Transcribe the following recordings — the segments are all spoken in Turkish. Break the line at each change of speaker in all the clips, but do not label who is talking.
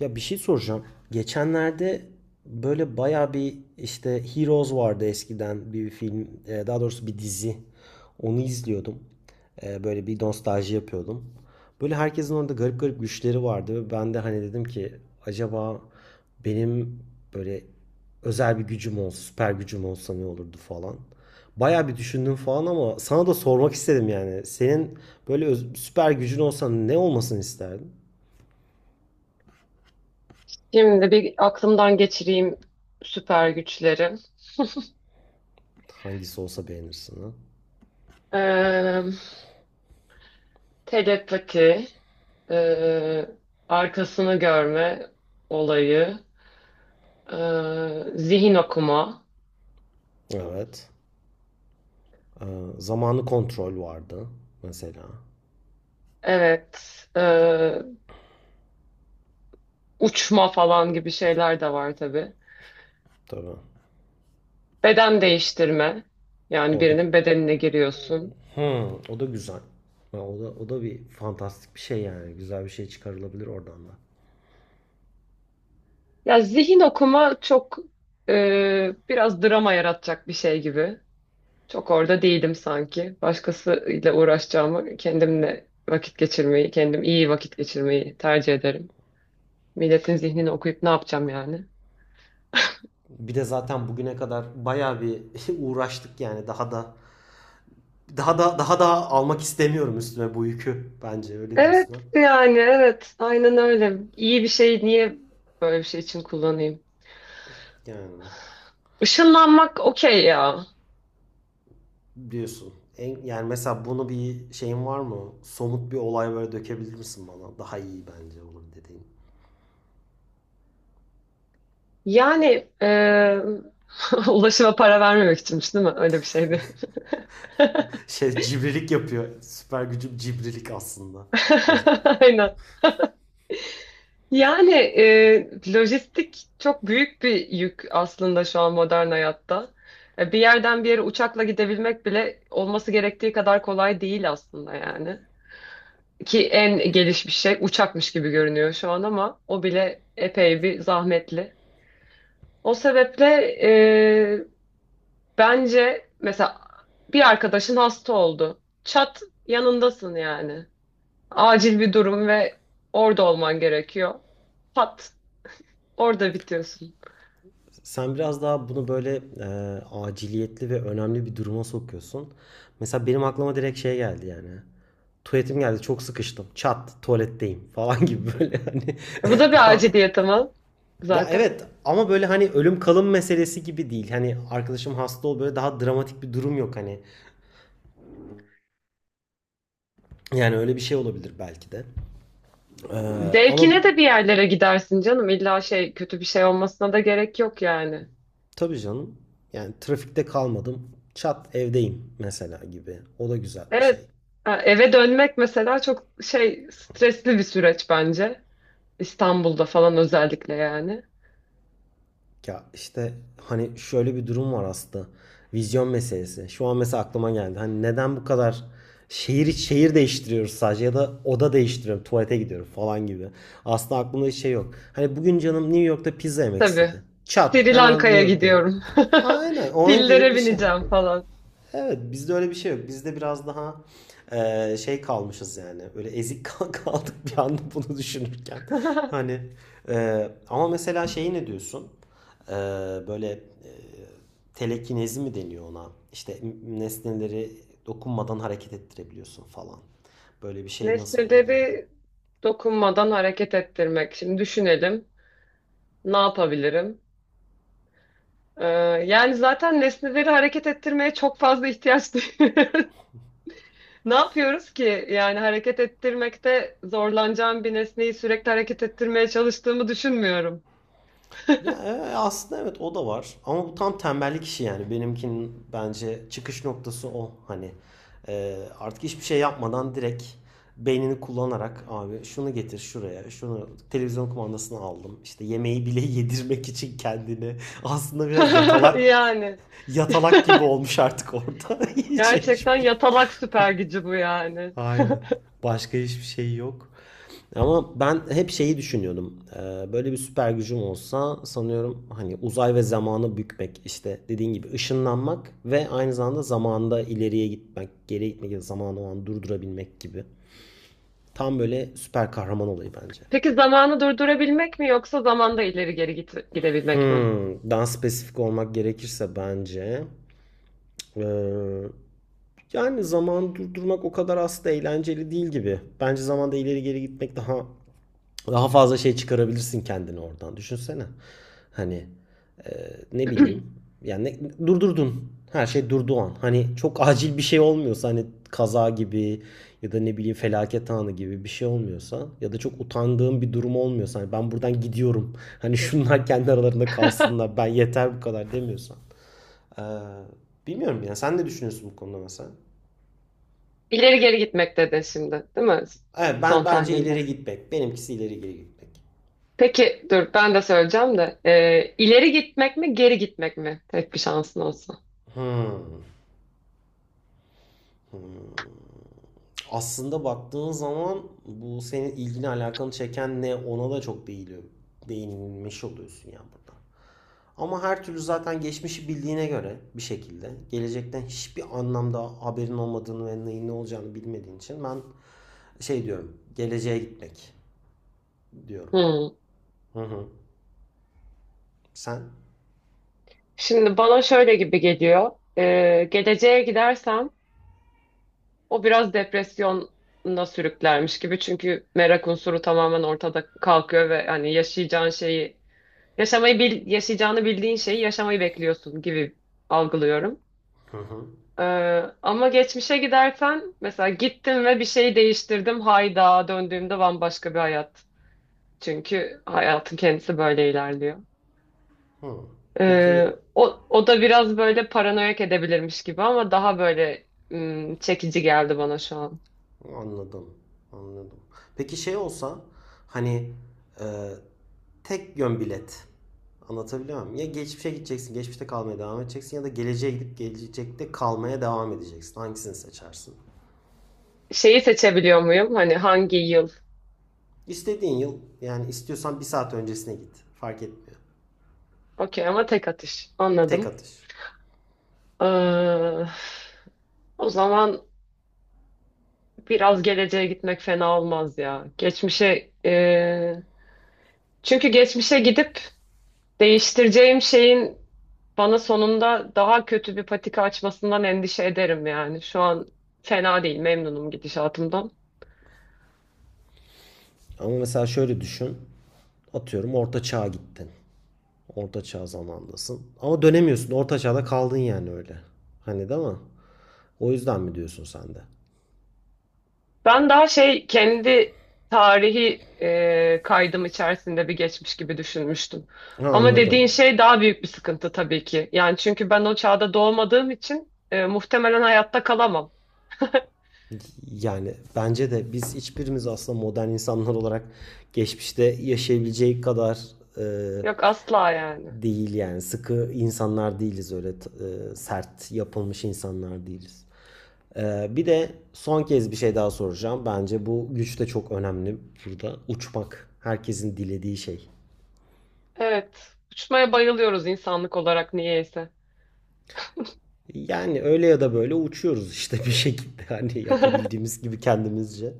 Ya bir şey soracağım. Geçenlerde böyle baya bir işte Heroes vardı eskiden bir film, daha doğrusu bir dizi. Onu izliyordum. Böyle bir nostalji yapıyordum. Böyle herkesin orada garip garip güçleri vardı, ve ben de hani dedim ki acaba benim böyle özel bir gücüm olsa, süper gücüm olsa ne olurdu falan. Baya bir düşündüm falan ama sana da sormak istedim yani. Senin böyle süper gücün olsa ne olmasını isterdin?
Şimdi bir aklımdan geçireyim süper güçleri.
Hangisi olsa beğenirsin ha?
Ee, Telepati, ee, arkasını görme olayı, zihin okuma,
Evet. Ee, Zamanı kontrol vardı mesela.
evet, uçma falan gibi şeyler de var tabii.
Tabii.
Beden değiştirme, yani
O da
birinin bedenine giriyorsun.
Hmm, o da güzel. Ha, o da bir fantastik bir şey yani. Güzel bir şey çıkarılabilir oradan da.
Ya zihin okuma çok biraz drama yaratacak bir şey gibi. Çok orada değilim sanki. Başkasıyla uğraşacağımı kendimle vakit geçirmeyi, kendim iyi vakit geçirmeyi tercih ederim. Milletin zihnini okuyup ne yapacağım yani?
Bir de zaten bugüne kadar bayağı bir uğraştık yani daha da almak istemiyorum üstüme bu yükü. Bence öyle
Evet,
diyorsun ha.
yani evet aynen öyle. İyi bir şey niye böyle bir şey için kullanayım?
Yani
Işınlanmak okey ya.
diyorsun. Yani mesela bunu bir şeyin var mı? Somut bir olay böyle dökebilir misin bana? Daha iyi bence olur dediğin.
Yani ulaşıma para vermemek içinmiş değil mi? Öyle bir şeydi.
Şey cibrilik yapıyor. Süper gücüm cibrilik aslında. As-
Aynen. Yani lojistik çok büyük bir yük aslında şu an modern hayatta. Bir yerden bir yere uçakla gidebilmek bile olması gerektiği kadar kolay değil aslında yani. Ki en gelişmiş şey uçakmış gibi görünüyor şu an ama o bile epey bir zahmetli. O sebeple e, bence mesela bir arkadaşın hasta oldu. Çat yanındasın yani. Acil bir durum ve orada olman gerekiyor. Pat orada bitiyorsun.
Sen biraz daha bunu böyle aciliyetli ve önemli bir duruma sokuyorsun. Mesela benim aklıma direkt şey geldi yani. Tuvaletim geldi, çok sıkıştım. Çat, tuvaletteyim falan gibi böyle hani
Bu da bir
daha.
aciliyet ama
Ya
zaten.
evet, ama böyle hani ölüm kalım meselesi gibi değil. Hani arkadaşım hasta ol, böyle daha dramatik bir durum yok hani. Yani öyle bir şey olabilir belki de. Ee, ama
Zevkine de bir yerlere gidersin canım. İlla şey kötü bir şey olmasına da gerek yok yani.
Tabii canım. Yani trafikte kalmadım. Çat, evdeyim mesela gibi. O da güzel bir şey.
Evet. Ha, eve dönmek mesela çok şey stresli bir süreç bence. İstanbul'da falan özellikle yani.
Ya işte hani şöyle bir durum var aslında. Vizyon meselesi. Şu an mesela aklıma geldi. Hani neden bu kadar şehir şehir değiştiriyoruz, sadece ya da oda değiştiriyorum, tuvalete gidiyorum falan gibi. Aslında aklımda hiç şey yok. Hani bugün canım New York'ta pizza yemek
Tabii.
istedi. Çat,
Sri
hemen New
Lanka'ya
York'tayım.
gidiyorum.
Aynen onun gibi
Pillere
bir şey.
bineceğim falan.
Evet, bizde öyle bir şey yok. Bizde biraz daha şey kalmışız yani. Böyle ezik kaldık bir anda bunu düşünürken. Hani ama mesela şeyi ne diyorsun? E, Böyle telekinezi mi deniyor ona? İşte nesneleri dokunmadan hareket ettirebiliyorsun falan. Böyle bir şey nasıl olabilirdi?
Nesneleri dokunmadan hareket ettirmek. Şimdi düşünelim. Ne yapabilirim? Ee, Yani zaten nesneleri hareket ettirmeye çok fazla ihtiyaç duyuyoruz. Ne yapıyoruz ki? Yani hareket ettirmekte zorlanacağım bir nesneyi sürekli hareket ettirmeye çalıştığımı düşünmüyorum.
Ya aslında evet, o da var. Ama bu tam tembellik işi yani. Benimkinin bence çıkış noktası o. Hani artık hiçbir şey yapmadan direkt beynini kullanarak abi şunu getir şuraya, şunu televizyon kumandasını aldım. İşte yemeği bile yedirmek için kendini. Aslında biraz yatalak
Yani
yatalak gibi olmuş artık orada.
gerçekten yatalak süper gücü bu yani.
Başka hiçbir şey yok. Ama ben hep şeyi düşünüyordum. Böyle bir süper gücüm olsa sanıyorum hani uzay ve zamanı bükmek, işte dediğin gibi ışınlanmak ve aynı zamanda ileriye gitmek, geriye gitmek ya da zamanı o an durdurabilmek gibi. Tam böyle süper kahraman olayı bence.
Peki zamanı durdurabilmek mi yoksa zamanda ileri geri gidebilmek mi?
Daha spesifik olmak gerekirse bence ee, yani zaman durdurmak o kadar aslında eğlenceli değil gibi. Bence zamanda ileri geri gitmek daha. Daha fazla şey çıkarabilirsin kendini oradan. Düşünsene. Hani ne bileyim. Yani durdurdun. Her şey durduğu an. Hani çok acil bir şey olmuyorsa, hani kaza gibi ya da ne bileyim felaket anı gibi bir şey olmuyorsa ya da çok utandığım bir durum olmuyorsa, hani ben buradan gidiyorum. Hani şunlar kendi aralarında kalsınlar. Ben yeter, bu kadar demiyorsan. Ee, Bilmiyorum ya. Sen ne düşünüyorsun bu konuda mesela?
İleri geri gitmek dedin şimdi, değil mi?
Evet, ben
Son
bence
tahlilde.
ileri gitmek. Benimkisi ileri geri gitmek.
Peki dur ben de söyleyeceğim de. İleri gitmek mi geri gitmek mi? Tek bir şansın olsa.
Hmm. Hmm. Aslında baktığın zaman bu senin ilgini alakanı çeken ne, ona da çok değiliyor. Değinilmiş oluyorsun ya burada. Ama her türlü zaten geçmişi bildiğine göre bir şekilde, gelecekten hiçbir anlamda haberin olmadığını ve neyin ne olacağını bilmediğin için ben şey diyorum, geleceğe gitmek diyorum.
Hmm.
Hı hı. Sen?
Şimdi bana şöyle gibi geliyor. Geleceğe gidersem o biraz depresyona sürüklermiş gibi. Çünkü merak unsuru tamamen ortada kalkıyor ve hani yaşayacağın şeyi yaşamayı yaşayacağını bildiğin şeyi yaşamayı bekliyorsun gibi algılıyorum.
Hı hı.
Ee, Ama geçmişe gidersen mesela gittim ve bir şey değiştirdim. Hayda döndüğümde bambaşka bir hayat. Çünkü hayatın kendisi böyle ilerliyor.
Hı. Peki.
O da biraz böyle paranoyak edebilirmiş gibi ama daha böyle çekici geldi bana şu an.
Anladım. Anladım. Peki şey olsa hani e, tek yön bilet. Anlatabiliyor muyum? Ya geçmişe gideceksin, geçmişte kalmaya devam edeceksin ya da geleceğe gidip gelecekte kalmaya devam edeceksin. Hangisini seçersin?
Şeyi seçebiliyor muyum? Hani hangi yıl?
İstediğin yıl, yani istiyorsan bir saat öncesine git. Fark etmiyor.
Okey ama tek atış.
Tek
Anladım.
atış.
Ee, O zaman biraz geleceğe gitmek fena olmaz ya. Geçmişe çünkü geçmişe gidip değiştireceğim şeyin bana sonunda daha kötü bir patika açmasından endişe ederim yani. Şu an fena değil, memnunum gidişatımdan.
Ama mesela şöyle düşün. Atıyorum orta çağa gittin. Orta çağ zamanındasın. Ama dönemiyorsun. Orta çağda kaldın yani öyle. Hani, değil mi? O yüzden mi diyorsun sen de?
Ben daha şey kendi tarihi kaydım içerisinde bir geçmiş gibi düşünmüştüm.
Ha,
Ama dediğin
anladım.
şey daha büyük bir sıkıntı tabii ki. Yani çünkü ben o çağda doğmadığım için muhtemelen hayatta kalamam.
Yani bence de biz hiçbirimiz aslında modern insanlar olarak geçmişte yaşayabileceği kadar e,
Yok asla yani.
değil yani, sıkı insanlar değiliz öyle. Sert yapılmış insanlar değiliz. Bir de son kez bir şey daha soracağım. Bence bu güç de çok önemli burada. Uçmak herkesin dilediği şey.
Evet, uçmaya bayılıyoruz insanlık olarak niyeyse.
Yani öyle ya da böyle uçuyoruz işte bir şekilde hani yapabildiğimiz gibi kendimizce.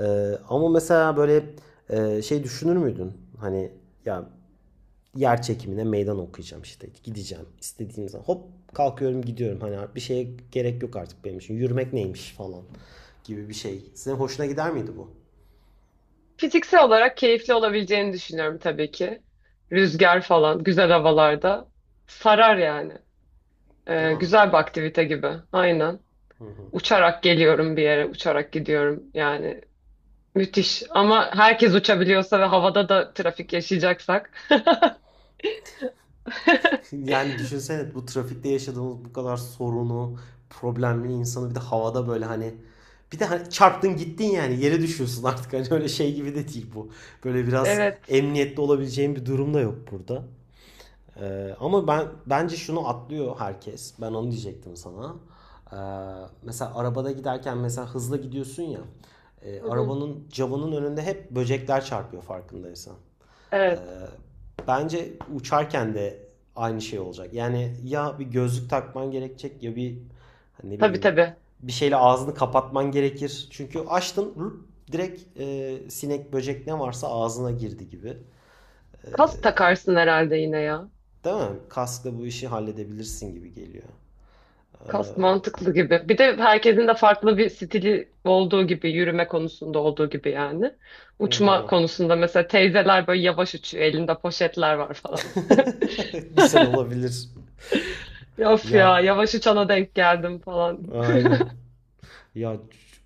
Ama mesela böyle şey düşünür müydün? Hani ya yer çekimine meydan okuyacağım, işte gideceğim istediğim zaman, hop kalkıyorum gidiyorum, hani bir şeye gerek yok artık, benim için yürümek neymiş falan gibi bir şey. Senin hoşuna gider miydi bu?
Fiziksel olarak keyifli olabileceğini düşünüyorum tabii ki. Rüzgar falan, güzel havalarda sarar yani.
Değil mi?
Güzel bir aktivite gibi. Aynen. Uçarak geliyorum bir yere, uçarak gidiyorum. Yani müthiş. Ama herkes uçabiliyorsa ve havada da trafik yaşayacaksak.
Yani düşünsene, bu trafikte yaşadığımız bu kadar sorunu, problemli insanı bir de havada böyle hani, bir de hani çarptın gittin yani, yere düşüyorsun artık, hani öyle şey gibi de değil bu. Böyle biraz
Evet.
emniyetli olabileceğin bir durum da yok burada. Ama ben bence şunu atlıyor herkes. Ben onu diyecektim sana. Ee, mesela arabada giderken mesela hızlı gidiyorsun ya. e,
Hı hı.
arabanın camının önünde hep böcekler çarpıyor farkındaysan. Ee,
Evet.
bence uçarken de aynı şey olacak. Yani ya bir gözlük takman gerekecek ya bir, hani ne
Tabii
bileyim,
tabii.
bir şeyle ağzını kapatman gerekir. Çünkü açtın, direkt sinek böcek ne varsa ağzına girdi gibi. Ee,
Kask takarsın herhalde yine ya.
Değil mi? Kaskla bu işi halledebilirsin gibi geliyor.
Kast
Ee,
mantıklı gibi. Bir de herkesin de farklı bir stili olduğu gibi, yürüme konusunda olduğu gibi yani. Uçma
devam.
konusunda mesela teyzeler böyle yavaş uçuyor, elinde poşetler var falan.
Güzel olabilir.
Ya of
Ya
ya, yavaş uçana denk geldim falan.
aynen. Ya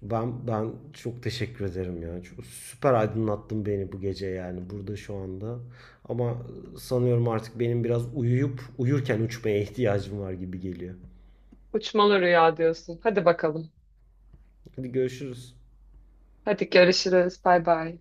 ben çok teşekkür ederim ya. Süper aydınlattın beni bu gece yani burada şu anda. Ama sanıyorum artık benim biraz uyuyup uyurken uçmaya ihtiyacım var gibi geliyor.
Uçmalı rüya diyorsun. Hadi bakalım.
Hadi görüşürüz.
Hadi görüşürüz. Bay bay.